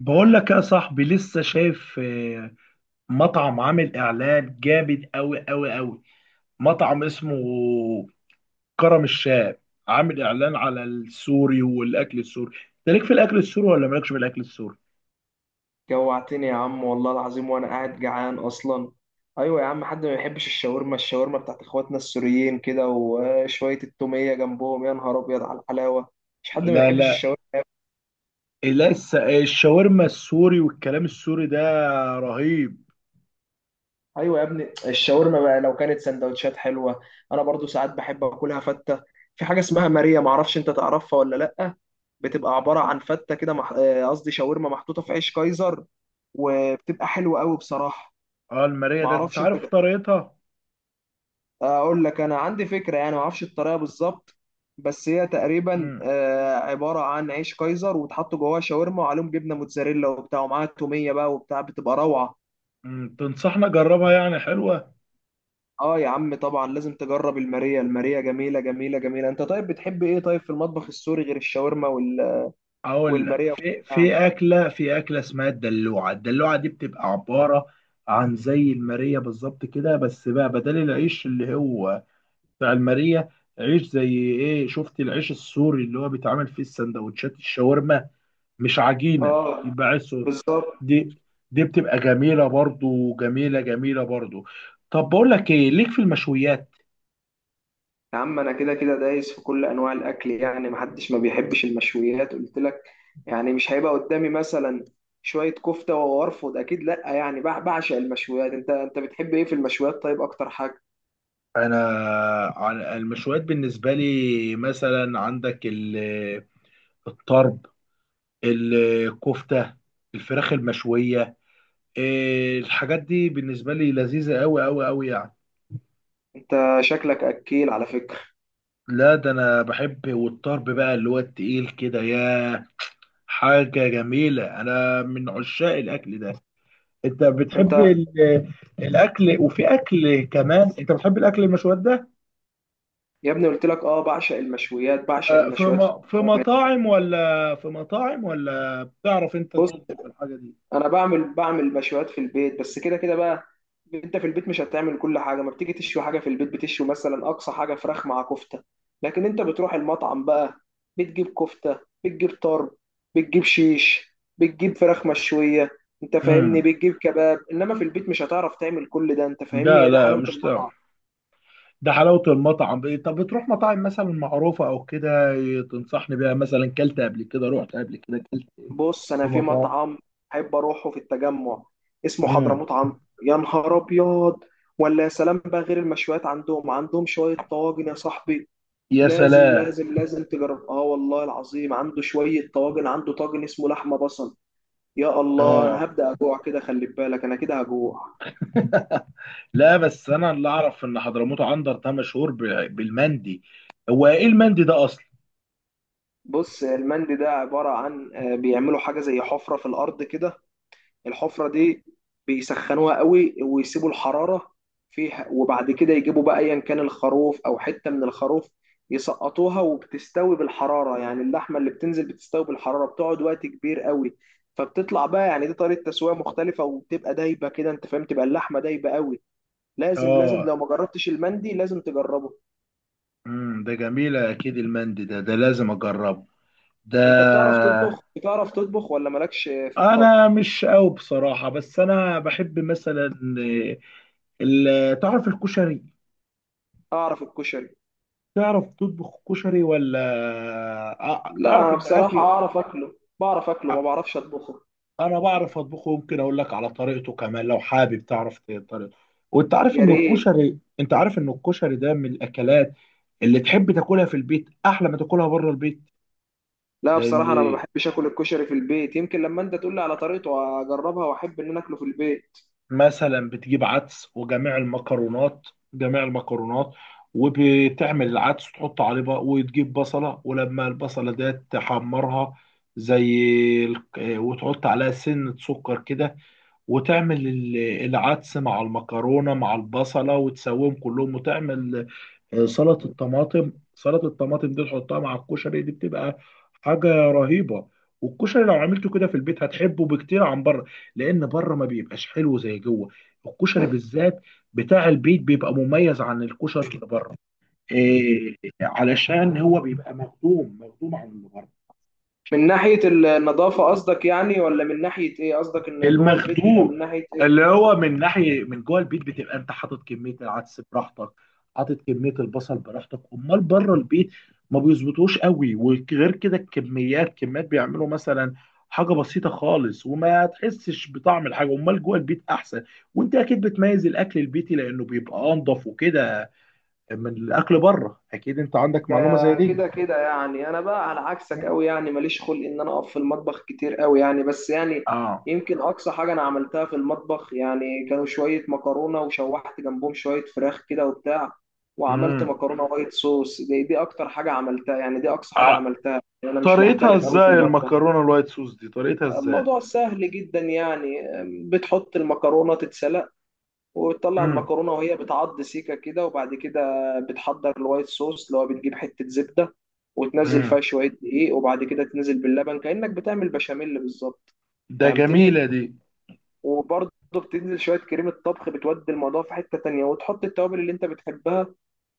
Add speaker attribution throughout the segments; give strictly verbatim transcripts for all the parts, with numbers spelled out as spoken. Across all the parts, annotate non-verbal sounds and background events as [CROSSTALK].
Speaker 1: بقول لك يا صاحبي لسه شايف آه، مطعم عامل اعلان جامد قوي قوي قوي. مطعم اسمه كرم الشام، عامل اعلان على السوري والاكل السوري. انت ليك في الاكل السوري ولا مالكش في الاكل السوري؟
Speaker 2: جوعتني يا عم، والله العظيم، وانا قاعد جعان اصلا. ايوه يا عم، حد ما يحبش الشاورما؟ الشاورما بتاعت اخواتنا السوريين كده وشويه التوميه جنبهم، يا نهار ابيض على الحلاوه. مش حد ما
Speaker 1: لا
Speaker 2: يحبش
Speaker 1: لا،
Speaker 2: الشاورما.
Speaker 1: لسه الشاورما السوري والكلام السوري ده رهيب.
Speaker 2: ايوه يا ابني الشاورما، بقى لو كانت سندوتشات حلوه انا برضو ساعات بحب اكلها فته. في حاجه اسمها ماريا، معرفش انت تعرفها ولا لا. بتبقى عباره عن فته كده مح- آه، قصدي شاورما محطوطه في عيش كايزر، وبتبقى حلوه قوي بصراحه.
Speaker 1: اه، المارية ده انت
Speaker 2: معرفش انت.
Speaker 1: عارف طريقتها؟
Speaker 2: اقول لك انا عندي فكره، يعني ما اعرفش الطريقه بالظبط، بس هي تقريبا
Speaker 1: امم
Speaker 2: آه، عباره عن عيش كايزر وتحط جواه شاورما وعليهم جبنه موتزاريلا وبتاع، ومعاها توميه بقى وبتاع، بتبقى روعه.
Speaker 1: أمم، تنصحنا جربها، يعني حلوة؟
Speaker 2: اه يا عم طبعا لازم تجرب الماريا، الماريا جميله جميله جميله. انت طيب بتحب ايه طيب في المطبخ السوري غير الشاورما وال...
Speaker 1: اقول لك
Speaker 2: والماريا
Speaker 1: في في
Speaker 2: يعني.
Speaker 1: اكله في اكله اسمها الدلوعه. الدلوعه دي بتبقى عباره عن زي الماريه بالظبط كده، بس بقى بدل العيش اللي هو بتاع الماريه، عيش زي ايه؟ شفت العيش السوري اللي هو بيتعمل فيه السندوتشات الشاورما، مش عجينه،
Speaker 2: اه،
Speaker 1: يبقى عيش سوري.
Speaker 2: بالظبط.
Speaker 1: دي دي بتبقى جميله برضو، جميله جميله برضو. طب بقول لك ايه، ليك في المشويات؟
Speaker 2: يا عم انا كده كده دايس في كل انواع الاكل، يعني محدش ما بيحبش المشويات قلت لك، يعني مش هيبقى قدامي مثلا شوية كفتة وارفض، اكيد لا، يعني بع- بعشق المشويات. انت انت بتحب ايه في المشويات طيب، اكتر حاجة؟
Speaker 1: انا على- المشويات بالنسبه لي مثلا، عندك ال- الطرب، الكفتة، الفراخ المشوية، إيه، الحاجات دي بالنسبة لي لذيذة أوي أوي أوي يعني.
Speaker 2: انت شكلك اكيل على فكرة.
Speaker 1: لا ده أنا بحب، والطرب بقى اللي هو التقيل كده يا حاجة جميلة، أنا من عشاق الأكل ده. أنت
Speaker 2: انت
Speaker 1: بتحب ال- [LAUGHS] الأكل، وفي أكل كمان أنت بتحب الأكل المشويات ده.
Speaker 2: يا ابني قلت لك اه، بعشق المشويات بعشق
Speaker 1: آه، في
Speaker 2: المشويات في-
Speaker 1: م- في مطاعم ولا في مطاعم ولا بتعرف أنت
Speaker 2: بص
Speaker 1: تطبخ الحاجة دي؟
Speaker 2: انا بعمل بعمل مشويات في البيت بس كده كده بقى. انت في البيت مش هتعمل كل حاجه، ما بتيجي تشوي حاجه في البيت بتشوي مثلا اقصى حاجه فراخ مع كفته. لكن انت بتروح المطعم بقى، بتجيب كفته بتجيب طرب بتجيب شيش بتجيب فراخ مشويه، انت فاهمني،
Speaker 1: امم
Speaker 2: بتجيب كباب. انما في البيت مش هتعرف تعمل كل ده، انت فاهمني،
Speaker 1: لا
Speaker 2: هي ده
Speaker 1: لا،
Speaker 2: حلاوه
Speaker 1: مش
Speaker 2: المطعم.
Speaker 1: تعرف. ده حلاوة المطعم، إيه، طب بتروح مطاعم مثلا معروفة او كده؟ إيه، تنصحني بيها مثلا؟ كلت قبل كده، رحت قبل كده، كلت إيه؟
Speaker 2: بص
Speaker 1: في
Speaker 2: انا في
Speaker 1: مطاعم.
Speaker 2: مطعم احب اروحه في التجمع اسمه
Speaker 1: مم.
Speaker 2: حضرموت عنتر، يا نهار ابيض. ولا يا سلام بقى، غير المشويات عندهم عندهم شويه طواجن يا صاحبي.
Speaker 1: يا
Speaker 2: لازم
Speaker 1: سلام.
Speaker 2: لازم لازم تجرب، اه والله العظيم، عنده شويه طواجن، عنده طاجن اسمه لحمه بصل. يا الله، انا
Speaker 1: اه.
Speaker 2: هبدا اجوع كده، خلي بالك انا كده هجوع.
Speaker 1: [LAUGHS] لا، بس انا اللي اعرف ان حضرموت عنتر ده مشهور ب- بالمندي. هو ايه المندي ده اصلا؟
Speaker 2: بص المندي ده عباره عن آه، بيعملوا حاجه زي حفره في الارض كده. الحفرة دي بيسخنوها قوي، ويسيبوا الحرارة فيها، وبعد كده يجيبوا بقى ايا كان الخروف او حتة من الخروف، يسقطوها وبتستوي بالحرارة. يعني اللحمة اللي بتنزل بتستوي بالحرارة، بتقعد وقت كبير قوي، فبتطلع بقى، يعني دي طريقة تسوية مختلفة وبتبقى دايبة كده، انت فاهم، تبقى اللحمة دايبة قوي. لازم لازم
Speaker 1: اه.
Speaker 2: لو ما جربتش المندي لازم تجربه.
Speaker 1: امم ده جميل، اكيد المندي ده ده لازم اجربه ده.
Speaker 2: انت بتعرف تطبخ بتعرف تطبخ ولا مالكش في
Speaker 1: انا
Speaker 2: الطبخ؟
Speaker 1: مش قوي بصراحة، بس انا بحب مثلا آه، ال- تعرف الكشري؟
Speaker 2: اعرف الكشري.
Speaker 1: تعرف تطبخ كشري ولا؟ آه،
Speaker 2: لا
Speaker 1: تعرف
Speaker 2: انا
Speaker 1: ان
Speaker 2: بصراحة
Speaker 1: اكل.
Speaker 2: اعرف اكله بعرف اكله، ما بعرفش اطبخه.
Speaker 1: انا بعرف اطبخه، ممكن اقول لك على طريقته كمان، لو حابب تعرف ت- طريقته. وانت عارف
Speaker 2: يا
Speaker 1: ان
Speaker 2: ريت.
Speaker 1: الكشري انت عارف ان الكشري ده من الاكلات اللي تحب تاكلها في البيت، احلى ما تاكلها بره البيت.
Speaker 2: لا بصراحة أنا ما
Speaker 1: لان
Speaker 2: بحبش آكل الكشري في البيت، يمكن لما أنت تقول لي على طريقته أجربها وأحب إن أنا آكله في البيت.
Speaker 1: مثلا بتجيب عدس وجميع المكرونات جميع المكرونات، وبتعمل العدس تحط عليه بقى، وتجيب بصلة ولما البصلة دي تحمرها زي ال- آه، وتحط عليها سنة سكر كده، وتعمل ال- العدس مع المكرونة مع البصلة وتسويهم كلهم. وتعمل آه، سلطة الطماطم سلطة الطماطم دي تحطها مع الكشري، دي بتبقى حاجة رهيبة. والكشري لو عملته كده في البيت هتحبه بكتير عن بره. لأن بره ما بيبقاش حلو زي جوه. الكشري بالذات بتاع البيت بيبقى مميز عن الكشري اللي بره، إيه، علشان هو بيبقى مخدوم مخدوم عن اللي بره.
Speaker 2: من ناحية النظافة قصدك يعني، ولا من ناحية إيه قصدك إن جوه البيت بيبقى
Speaker 1: المخدوق
Speaker 2: من ناحية
Speaker 1: اللي
Speaker 2: إيه؟
Speaker 1: هو من ناحيه من جوه البيت، بتبقى انت حاطط كميه العدس براحتك، حاطط كميه البصل براحتك. امال بره البيت ما بيظبطوش قوي، وغير كده الكميات، كميات بيعملوا مثلا حاجه بسيطه خالص وما تحسش بطعم الحاجه. امال جوه البيت احسن، وانت اكيد بتميز الاكل البيتي لانه بيبقى انضف وكده من الاكل بره، اكيد انت عندك
Speaker 2: ده
Speaker 1: معلومه زي دي.
Speaker 2: كده كده يعني أنا بقى على عكسك أوي، يعني ماليش خلق إن أنا أقف في المطبخ كتير أوي يعني، بس يعني
Speaker 1: اه.
Speaker 2: يمكن أقصى حاجة أنا عملتها في المطبخ يعني كانوا شوية مكرونة وشوحت جنبهم شوية فراخ كده وبتاع. وعملت
Speaker 1: امم
Speaker 2: مكرونة وايت صوص، دي دي أكتر حاجة عملتها يعني، دي أقصى حاجة
Speaker 1: آه.
Speaker 2: عملتها، أنا مش
Speaker 1: طريقتها
Speaker 2: محترف أوي في
Speaker 1: ازاي
Speaker 2: المطبخ.
Speaker 1: المكرونه الوايت صوص دي، طريقتها ازاي؟
Speaker 2: الموضوع سهل جدا يعني، بتحط المكرونة تتسلق، وتطلع
Speaker 1: امم
Speaker 2: المكرونة وهي بتعض سيكة كده، وبعد كده بتحضر الوايت صوص، اللي هو بتجيب حتة زبدة وتنزل فيها
Speaker 1: مم.
Speaker 2: شوية دقيق، وبعد كده تنزل باللبن كأنك بتعمل بشاميل بالظبط،
Speaker 1: ده
Speaker 2: فهمتني.
Speaker 1: جميلة دي.
Speaker 2: وبرضه بتنزل شوية كريمة طبخ بتودي الموضوع في حتة تانية، وتحط التوابل اللي انت بتحبها،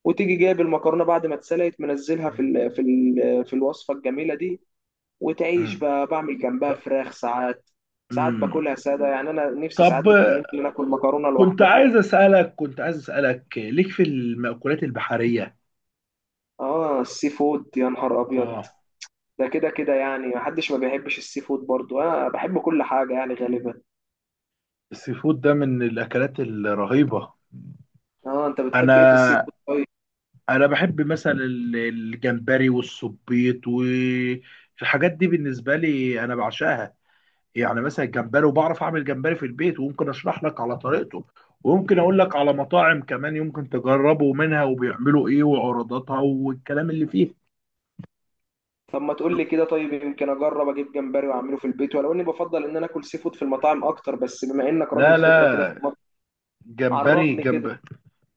Speaker 2: وتيجي جايب المكرونة بعد ما اتسلقت منزلها في
Speaker 1: مم.
Speaker 2: ال في ال في الوصفة الجميلة دي. وتعيش
Speaker 1: مم.
Speaker 2: بقى، بعمل جنبها
Speaker 1: طب.
Speaker 2: فراخ ساعات، ساعات
Speaker 1: مم.
Speaker 2: باكلها ساده، يعني انا نفسي ساعات
Speaker 1: طب
Speaker 2: بترمي
Speaker 1: آه،
Speaker 2: لي ناكل مكرونه
Speaker 1: كنت
Speaker 2: لوحدها.
Speaker 1: عايز أسألك كنت عايز أسألك آه، ليك في المأكولات البحرية؟
Speaker 2: اه السي فود، يا نهار ابيض.
Speaker 1: اه.
Speaker 2: ده كده كده يعني محدش ما بيحبش السي فود، برضو انا بحب كل حاجه يعني غالبا.
Speaker 1: السي فود ده من الأكلات الرهيبة.
Speaker 2: اه انت بتحب ايه في السي
Speaker 1: أنا
Speaker 2: فود طيب؟
Speaker 1: أنا بحب مثلا ال- الجمبري والسبيط والحاجات دي بالنسبة لي أنا بعشقها، يعني مثلا الجمبري. وبعرف اعمل جمبري في البيت، وممكن اشرح لك على طريقته، وممكن اقول لك على مطاعم كمان يمكن تجربوا منها وبيعملوا ايه وعروضاتها والكلام اللي فيه.
Speaker 2: طب ما تقول لي كده، طيب يمكن اجرب اجيب جمبري واعمله في البيت، ولو اني بفضل ان انا اكل سي فود في المطاعم اكتر، بس بما انك راجل
Speaker 1: لا
Speaker 2: خبره كده في
Speaker 1: لا،
Speaker 2: المطبخ،
Speaker 1: جمبري
Speaker 2: عرفني كده.
Speaker 1: جنب.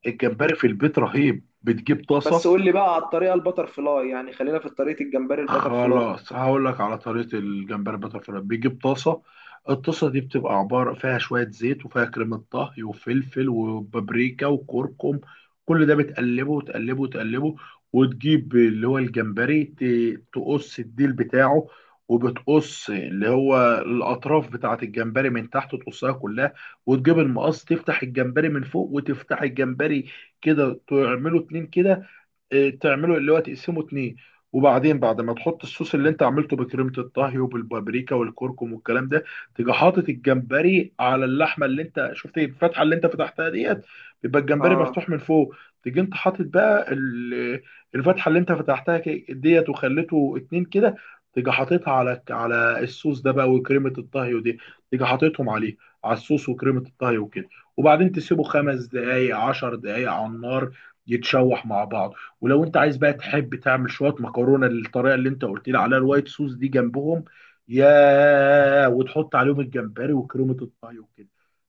Speaker 1: الجمبري في البيت رهيب، بتجيب
Speaker 2: بس
Speaker 1: طاسة.
Speaker 2: قول لي بقى على الطريقه البتر فلاي، يعني خلينا في طريقه الجمبري البتر فلاي.
Speaker 1: خلاص، هقول لك على طريقة الجمبري بترفلاي. بيجيب طاسة، الطاسة دي بتبقى عبارة فيها شوية زيت وفيها كريمة طهي وفلفل وبابريكا وكركم. كل ده بتقلبه وتقلبه وتقلبه، وتجيب اللي هو الجمبري، ت- تقص الديل بتاعه. وبتقص اللي هو الأطراف بتاعة الجمبري من تحت، تقصها كلها. وتجيب المقص تفتح الجمبري من فوق وتفتح الجمبري كده، تعمله اتنين كده. آه، تعمله اللي هو تقسمه اتنين. وبعدين بعد ما تحط الصوص اللي انت عملته بكريمة الطهي وبالبابريكا والكركم والكلام ده، تيجي حاطط الجمبري على اللحمة اللي انت شفت، ايه، الفتحة اللي انت فتحتها ديت، بيبقى الجمبري
Speaker 2: اه.
Speaker 1: مفتوح من فوق. تيجي انت حاطط بقى ال- الفتحة اللي انت فتحتها ك- ديت، وخليته اتنين كده. تيجي حاططها على على الصوص ده بقى وكريمة الطهي ودي. تيجي حاططهم عليه على الصوص وكريمة الطهي وكده، وبعدين تسيبه خمس دقايق، عشر دقايق على النار، يتشوح مع بعض. ولو انت عايز بقى تحب تعمل شويه مكرونه للطريقه اللي انت قلت لي عليها الوايت صوص دي جنبهم يا وتحط عليهم الجمبري وكريمه الطهي وكده،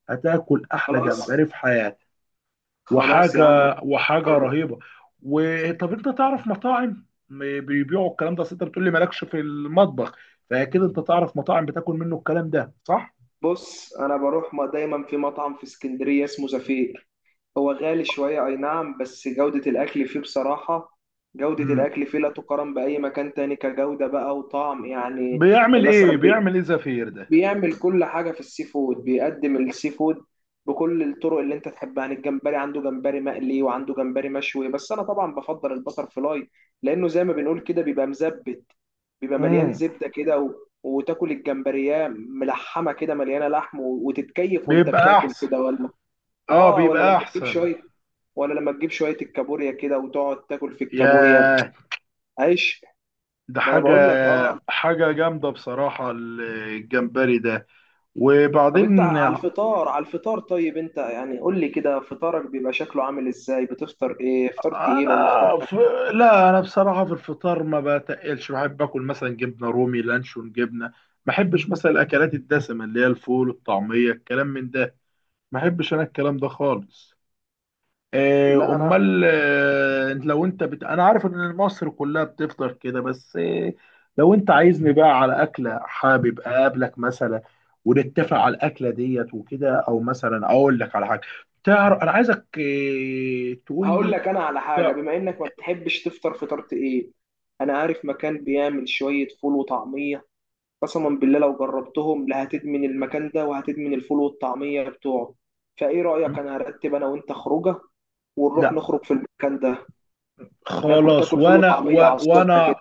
Speaker 1: هتاكل احلى
Speaker 2: خلاص،
Speaker 1: جمبري في حياتك.
Speaker 2: خلاص يا
Speaker 1: وحاجه
Speaker 2: عم.
Speaker 1: وحاجه
Speaker 2: بر-
Speaker 1: رهيبه. وطب انت تعرف مطاعم م- بيبيعوا الكلام ده؟ أصل انت بتقول لي مالكش في المطبخ، فاكيد انت تعرف مطاعم بتاكل منه الكلام ده، صح؟
Speaker 2: بص انا بروح ما دايما في مطعم في اسكندريه اسمه زفير، هو غالي شويه اي نعم، بس جوده الاكل فيه بصراحه، جوده
Speaker 1: امم
Speaker 2: الاكل فيه لا تقارن باي مكان تاني كجوده بقى وطعم يعني.
Speaker 1: بيعمل
Speaker 2: يعني
Speaker 1: ايه
Speaker 2: مثلا
Speaker 1: بيعمل ايه زفير ده؟
Speaker 2: بيعمل كل حاجة في السي فود، بيقدم السي فود بكل الطرق اللي انت تحبها. يعني الجمبري عنده، جمبري مقلي وعنده جمبري مشوي، بس انا طبعا بفضل البتر فلاي لانه زي ما بنقول كده بيبقى مزبت، بيبقى مليان
Speaker 1: امم
Speaker 2: زبدة كده و... وتاكل الجمبرية ملحمة كده مليانة لحم و... وتتكيف وانت
Speaker 1: بيبقى
Speaker 2: بتاكل
Speaker 1: احسن.
Speaker 2: كده ولا؟
Speaker 1: اه،
Speaker 2: اه. ولا
Speaker 1: بيبقى
Speaker 2: لما تجيب
Speaker 1: احسن.
Speaker 2: شوية ولا لما تجيب شوية الكابوريا كده وتقعد تاكل في الكابوريا،
Speaker 1: ياه،
Speaker 2: عيش.
Speaker 1: ده
Speaker 2: ما انا
Speaker 1: حاجة
Speaker 2: بقول لك اه.
Speaker 1: حاجة جامدة بصراحة الجمبري ده.
Speaker 2: طب انت
Speaker 1: وبعدين،
Speaker 2: على الفطار، على الفطار طيب، انت يعني قول لي كده فطارك بيبقى شكله عامل ازاي، بتفطر ايه، فطار تقيل ولا فطار
Speaker 1: أنا
Speaker 2: خفيف؟
Speaker 1: في لا، أنا بصراحة في الفطار ما بتقلش، بحب آكل مثلا جبنة رومي، لانشون، جبنة ما بحبش مثلا الأكلات الدسمة اللي هي الفول، الطعمية، الكلام من ده، ما بحبش أنا الكلام ده خالص. آه،
Speaker 2: لا انا
Speaker 1: امال، آه، لو انت بت... انا عارف ان مصر كلها بتفطر كده، بس آه، لو انت عايزني بقى على اكله، حابب اقابلك مثلا ونتفق على الاكله ديت وكده، او مثلا اقول لك على حاجه. تعرف انا عايزك آه، تقول
Speaker 2: هقول
Speaker 1: لي،
Speaker 2: لك انا على حاجه،
Speaker 1: تع-
Speaker 2: بما انك ما بتحبش تفطر فطار تقيل، انا عارف مكان بيعمل شويه فول وطعميه، قسما بالله لو جربتهم لا هتدمن المكان ده وهتدمن الفول والطعميه بتوعه. فايه رايك انا هرتب انا وانت خروجه ونروح
Speaker 1: لا،
Speaker 2: نخرج في المكان ده، ناكل
Speaker 1: خلاص،
Speaker 2: تاكل فول
Speaker 1: وانا
Speaker 2: وطعميه
Speaker 1: و...
Speaker 2: على الصبح كده.
Speaker 1: وانا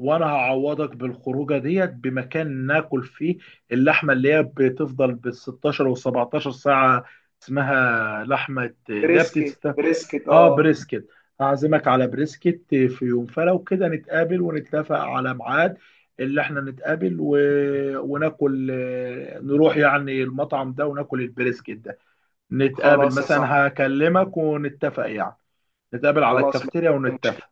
Speaker 1: وانا هعوضك بالخروجه ديت بمكان ناكل فيه اللحمه اللي هي بتفضل بال ستاشر و سبعتاشر ساعه، اسمها لحمه اللي هي
Speaker 2: بريسكت،
Speaker 1: بتست
Speaker 2: بريسكت،
Speaker 1: اه،
Speaker 2: اه.
Speaker 1: بريسكت. هعزمك على بريسكت في يوم، فلو كده نتقابل ونتفق على ميعاد اللي احنا نتقابل و... وناكل، آه، نروح يعني المطعم ده وناكل البريسكت ده. نتقابل
Speaker 2: خلاص يا صاحبي.
Speaker 1: مثلا، هكلمك ونتفق يعني، نتقابل على
Speaker 2: خلاص
Speaker 1: الكافتيريا
Speaker 2: مفيش
Speaker 1: ونتفق.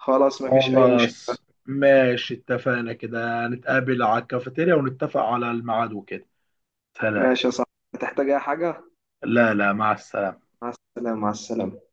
Speaker 2: خلاص مفيش أي مشكلة.
Speaker 1: خلاص، ماشي، اتفقنا كده، نتقابل على الكافيتيريا ونتفق على الميعاد وكده. سلام.
Speaker 2: ماشي يا صاحبي، هتحتاج أي حاجة؟
Speaker 1: لا لا، مع السلامة.
Speaker 2: مع السلامة، مع السلامة.